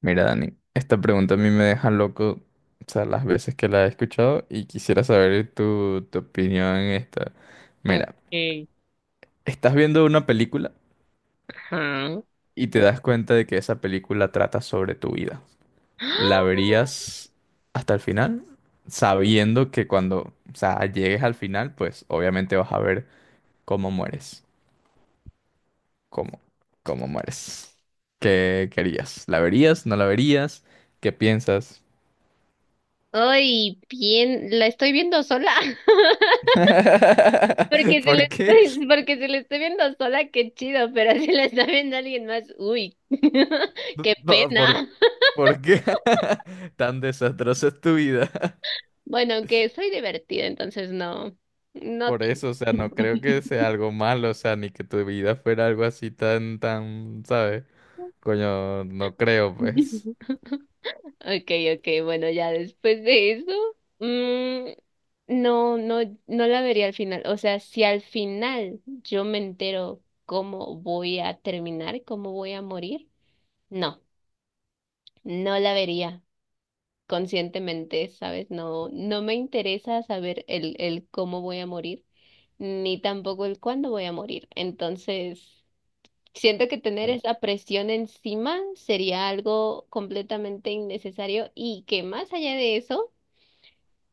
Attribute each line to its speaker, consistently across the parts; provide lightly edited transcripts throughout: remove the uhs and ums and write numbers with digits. Speaker 1: Mira, Dani, esta pregunta a mí me deja loco, o sea, las veces que la he escuchado y quisiera saber tu opinión en esta. Mira,
Speaker 2: Ok,
Speaker 1: estás viendo una película
Speaker 2: ajá.
Speaker 1: y te das cuenta de que esa película trata sobre tu vida.
Speaker 2: ¡Ah!
Speaker 1: ¿La verías hasta el final? Sabiendo que cuando, o sea, llegues al final, pues obviamente vas a ver cómo mueres. ¿Cómo? ¿Cómo mueres? ¿Qué querías? ¿La verías? ¿No la verías? ¿Qué piensas?
Speaker 2: Ay, bien, la estoy viendo sola. Porque se la
Speaker 1: ¿Por qué?
Speaker 2: estoy, porque se la estoy viendo sola, qué chido, pero si la está viendo alguien más, uy, qué
Speaker 1: No,
Speaker 2: pena.
Speaker 1: ¿por qué tan desastrosa es tu vida?
Speaker 2: Bueno, aunque soy divertida, entonces no, no.
Speaker 1: Por eso, o sea, no creo que sea algo malo, o sea, ni que tu vida fuera algo así tan, ¿sabes? Coño, no creo, pues.
Speaker 2: Okay, bueno, ya después de eso, mm, no, no, no la vería al final. O sea, si al final yo me entero cómo voy a terminar, cómo voy a morir. No, no la vería conscientemente, ¿sabes? No, no me interesa saber el cómo voy a morir, ni tampoco el cuándo voy a morir. Entonces, siento que tener esa presión encima sería algo completamente innecesario y que, más allá de eso,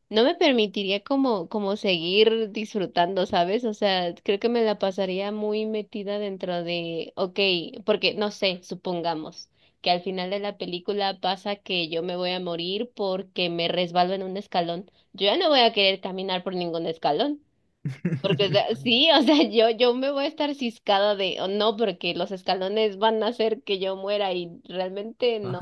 Speaker 2: no me permitiría como, como seguir disfrutando, ¿sabes? O sea, creo que me la pasaría muy metida dentro de, ok, porque no sé, supongamos que al final de la película pasa que yo me voy a morir porque me resbalo en un escalón. Yo ya no voy a querer caminar por ningún escalón. Porque, o sea, sí, o sea, yo me voy a estar ciscada de, o no, porque los escalones van a hacer que yo muera y realmente no,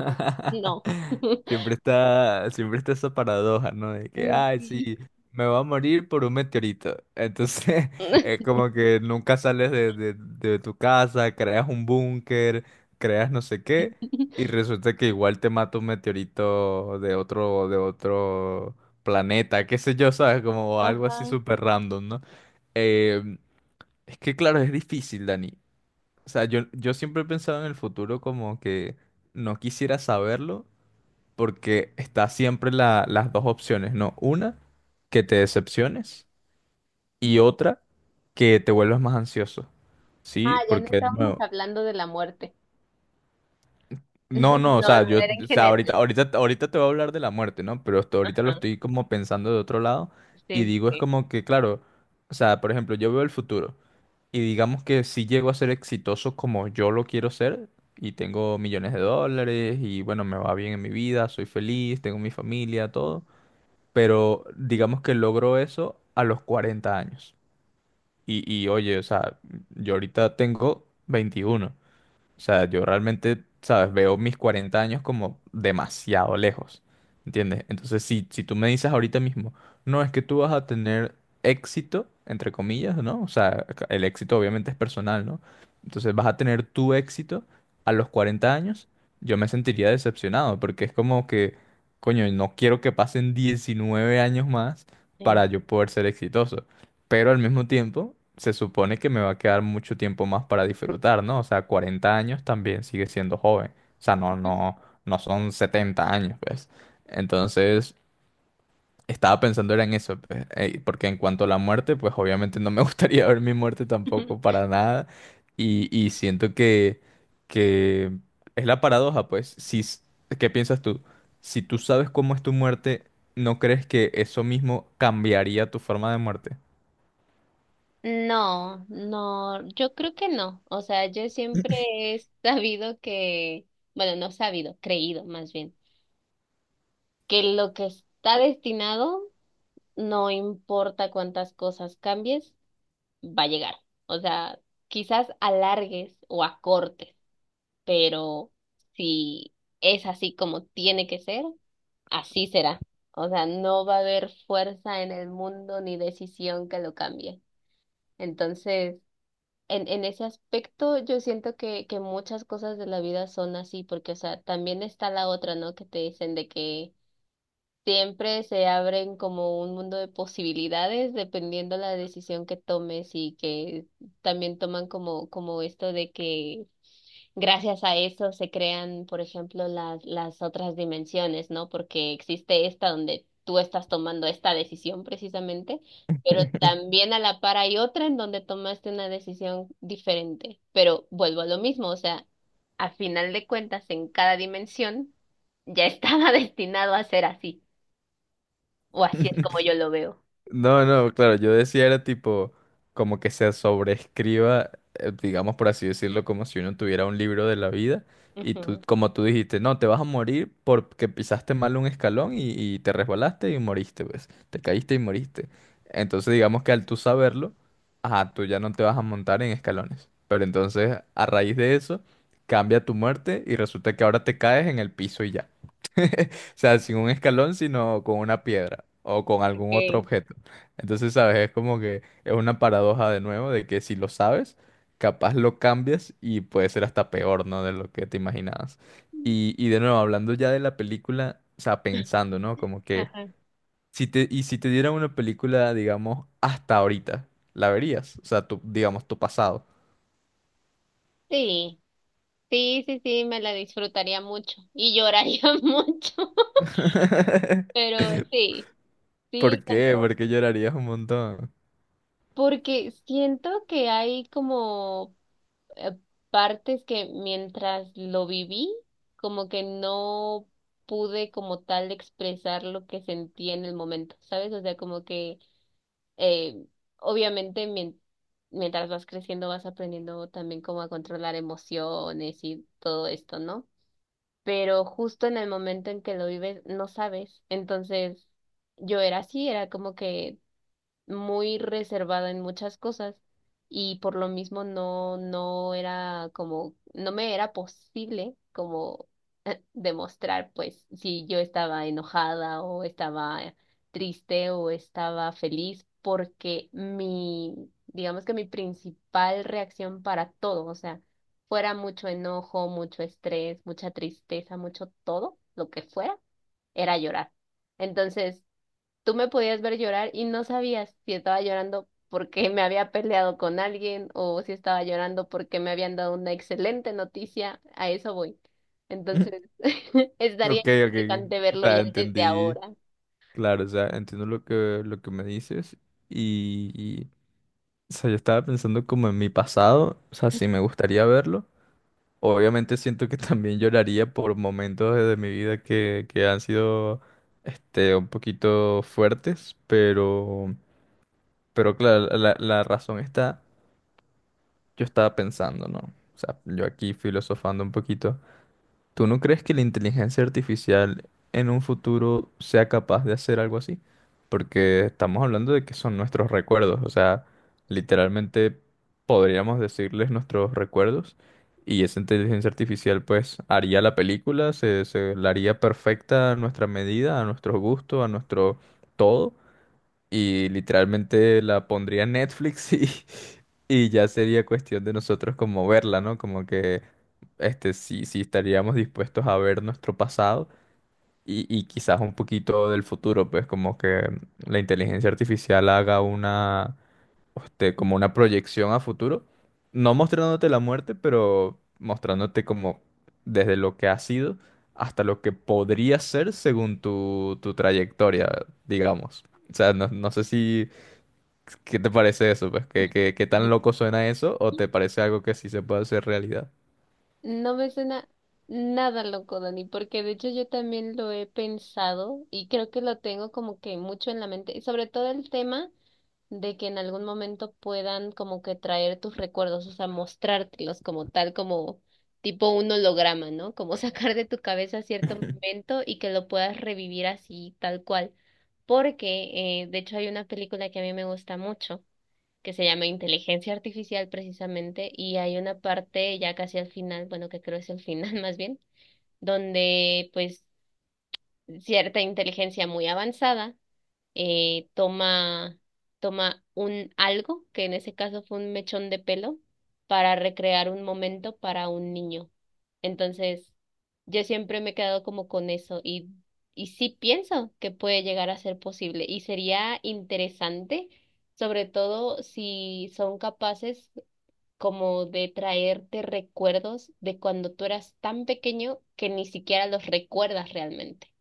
Speaker 2: no.
Speaker 1: Siempre está esa paradoja, ¿no? De que,
Speaker 2: Mm,
Speaker 1: ay,
Speaker 2: sí.
Speaker 1: sí, me voy a morir por un meteorito. Entonces, es como que nunca sales de tu casa, creas un búnker, creas no sé qué, y resulta que igual te mata un meteorito de de otro planeta, qué sé yo, ¿sabes? Como algo así
Speaker 2: Ajá.
Speaker 1: súper random, ¿no? Eh, es que, claro, es difícil, Dani. O sea, yo siempre he pensado en el futuro como que no quisiera saberlo porque está siempre las dos opciones, ¿no? Una, que te decepciones, y otra, que te vuelvas más ansioso.
Speaker 2: Ah,
Speaker 1: Sí,
Speaker 2: ya no
Speaker 1: porque de
Speaker 2: estábamos
Speaker 1: nuevo,
Speaker 2: hablando de la muerte.
Speaker 1: No, no, o
Speaker 2: No,
Speaker 1: sea,
Speaker 2: no, era en
Speaker 1: o sea, ahorita,
Speaker 2: general.
Speaker 1: ahorita, ahorita te voy a hablar de la muerte, ¿no? Pero hasta ahorita lo
Speaker 2: Ajá.
Speaker 1: estoy como pensando de otro lado y
Speaker 2: Sí,
Speaker 1: digo, es
Speaker 2: sí.
Speaker 1: como que, claro, o sea, por ejemplo, yo veo el futuro y digamos que si llego a ser exitoso como yo lo quiero ser y tengo millones de dólares y bueno, me va bien en mi vida, soy feliz, tengo mi familia, todo, pero digamos que logro eso a los 40 años. Y oye, o sea, yo ahorita tengo 21. O sea, yo realmente, ¿sabes? Veo mis 40 años como demasiado lejos, ¿entiendes? Entonces, si tú me dices ahorita mismo, no es que tú vas a tener éxito, entre comillas, ¿no? O sea, el éxito obviamente es personal, ¿no? Entonces, vas a tener tu éxito a los 40 años, yo me sentiría decepcionado, porque es como que, coño, no quiero que pasen 19 años más
Speaker 2: Sí.
Speaker 1: para yo poder ser exitoso, pero al mismo tiempo se supone que me va a quedar mucho tiempo más para disfrutar, ¿no? O sea, 40 años también sigue siendo joven. O sea, no, no, no son 70 años, pues. Entonces, estaba pensando era en eso, pues, porque en cuanto a la muerte, pues obviamente no me gustaría ver mi muerte tampoco para nada. Y siento que es la paradoja, pues. Si, s- ¿Qué piensas tú? Si tú sabes cómo es tu muerte, ¿no crees que eso mismo cambiaría tu forma de muerte?
Speaker 2: No, no, yo creo que no. O sea, yo siempre he sabido que, bueno, no sabido, creído más bien, que lo que está destinado, no importa cuántas cosas cambies, va a llegar. O sea, quizás alargues o acortes, pero si es así como tiene que ser, así será. O sea, no va a haber fuerza en el mundo ni decisión que lo cambie. Entonces, en ese aspecto, yo siento que muchas cosas de la vida son así, porque, o sea, también está la otra, ¿no? Que te dicen de que siempre se abren como un mundo de posibilidades dependiendo la decisión que tomes y que también toman como, como esto de que gracias a eso se crean, por ejemplo, las otras dimensiones, ¿no? Porque existe esta donde tú estás tomando esta decisión precisamente, pero también a la par hay otra en donde tomaste una decisión diferente. Pero vuelvo a lo mismo, o sea, a final de cuentas, en cada dimensión ya estaba destinado a ser así. O así es como yo lo veo.
Speaker 1: No, no, claro, yo decía era tipo como que se sobreescriba, digamos por así decirlo, como si uno tuviera un libro de la vida y tú,
Speaker 2: Ujú.
Speaker 1: como tú dijiste, no, te vas a morir porque pisaste mal un escalón y te resbalaste y moriste, pues, te caíste y moriste. Entonces digamos que al tú saberlo, ajá, tú ya no te vas a montar en escalones. Pero entonces a raíz de eso cambia tu muerte y resulta que ahora te caes en el piso y ya. O sea, sin un escalón, sino con una piedra o con algún otro
Speaker 2: Ok.
Speaker 1: objeto. Entonces, ¿sabes? Es como que es una paradoja de nuevo de que si lo sabes, capaz lo cambias y puede ser hasta peor, ¿no? De lo que te imaginabas. Y de nuevo, hablando ya de la película, o sea, pensando, ¿no? Como que
Speaker 2: Ajá.
Speaker 1: y si te dieran una película, digamos, hasta ahorita, ¿la verías? O sea, digamos, tu pasado.
Speaker 2: Sí, sí, sí, sí, me la disfrutaría mucho y lloraría mucho, pero sí, sí,
Speaker 1: ¿Por
Speaker 2: con
Speaker 1: qué?
Speaker 2: todo.
Speaker 1: Porque llorarías un montón.
Speaker 2: Porque siento que hay como eh, partes que, mientras lo viví, como que no pude como tal expresar lo que sentí en el momento, ¿sabes? O sea, como que Eh, obviamente, mientras vas creciendo, vas aprendiendo también cómo a controlar emociones y todo esto, ¿no? Pero justo en el momento en que lo vives, no sabes. Entonces, yo era así, era como que muy reservada en muchas cosas y por lo mismo no, no era como, no me era posible como demostrar pues si yo estaba enojada o estaba triste o estaba feliz, porque mi, digamos que mi principal reacción para todo, o sea, fuera mucho enojo, mucho estrés, mucha tristeza, mucho todo, lo que fuera, era llorar. Entonces, tú me podías ver llorar y no sabías si estaba llorando porque me había peleado con alguien o si estaba llorando porque me habían dado una excelente noticia. A eso voy. Entonces, estaría
Speaker 1: Ok, ok.
Speaker 2: interesante
Speaker 1: O
Speaker 2: verlo
Speaker 1: sea,
Speaker 2: ya desde
Speaker 1: entendí.
Speaker 2: ahora.
Speaker 1: Claro, o sea, entiendo lo lo que me dices. O sea, yo estaba pensando como en mi pasado, o sea, si me gustaría verlo. Obviamente siento que también lloraría por momentos de mi vida que han sido este, un poquito fuertes, pero claro, la razón está, yo estaba pensando, ¿no? O sea, yo aquí filosofando un poquito. ¿Tú no crees que la inteligencia artificial en un futuro sea capaz de hacer algo así? Porque estamos hablando de que son nuestros recuerdos, o sea, literalmente podríamos decirles nuestros recuerdos y esa inteligencia artificial pues haría la película, se la haría perfecta a nuestra medida, a nuestro gusto, a nuestro todo y literalmente la pondría en Netflix y, y ya sería cuestión de nosotros como verla, ¿no? Como que este, sí, sí estaríamos dispuestos a ver nuestro pasado y quizás un poquito del futuro, pues como que la inteligencia artificial haga una, este, como una proyección a futuro, no mostrándote la muerte, pero mostrándote como desde lo que ha sido hasta lo que podría ser según tu trayectoria, digamos. O sea, no, no sé si ¿qué te parece eso, pues? ¿Qué, qué, qué tan loco suena eso? ¿O te parece algo que sí se puede hacer realidad?
Speaker 2: No me suena nada loco, Dani, porque de hecho yo también lo he pensado y creo que lo tengo como que mucho en la mente, y sobre todo el tema de que en algún momento puedan como que traer tus recuerdos, o sea, mostrártelos como tal, como tipo un holograma, ¿no? Como sacar de tu cabeza cierto momento y que lo puedas revivir así, tal cual. Porque, de hecho, hay una película que a mí me gusta mucho, que se llama Inteligencia Artificial precisamente, y hay una parte ya casi al final, bueno, que creo es el final más bien, donde pues cierta inteligencia muy avanzada eh, toma, toma un algo, que en ese caso fue un mechón de pelo, para recrear un momento para un niño. Entonces, yo siempre me he quedado como con eso y sí pienso que puede llegar a ser posible y sería interesante, sobre todo si son capaces como de traerte recuerdos de cuando tú eras tan pequeño que ni siquiera los recuerdas realmente.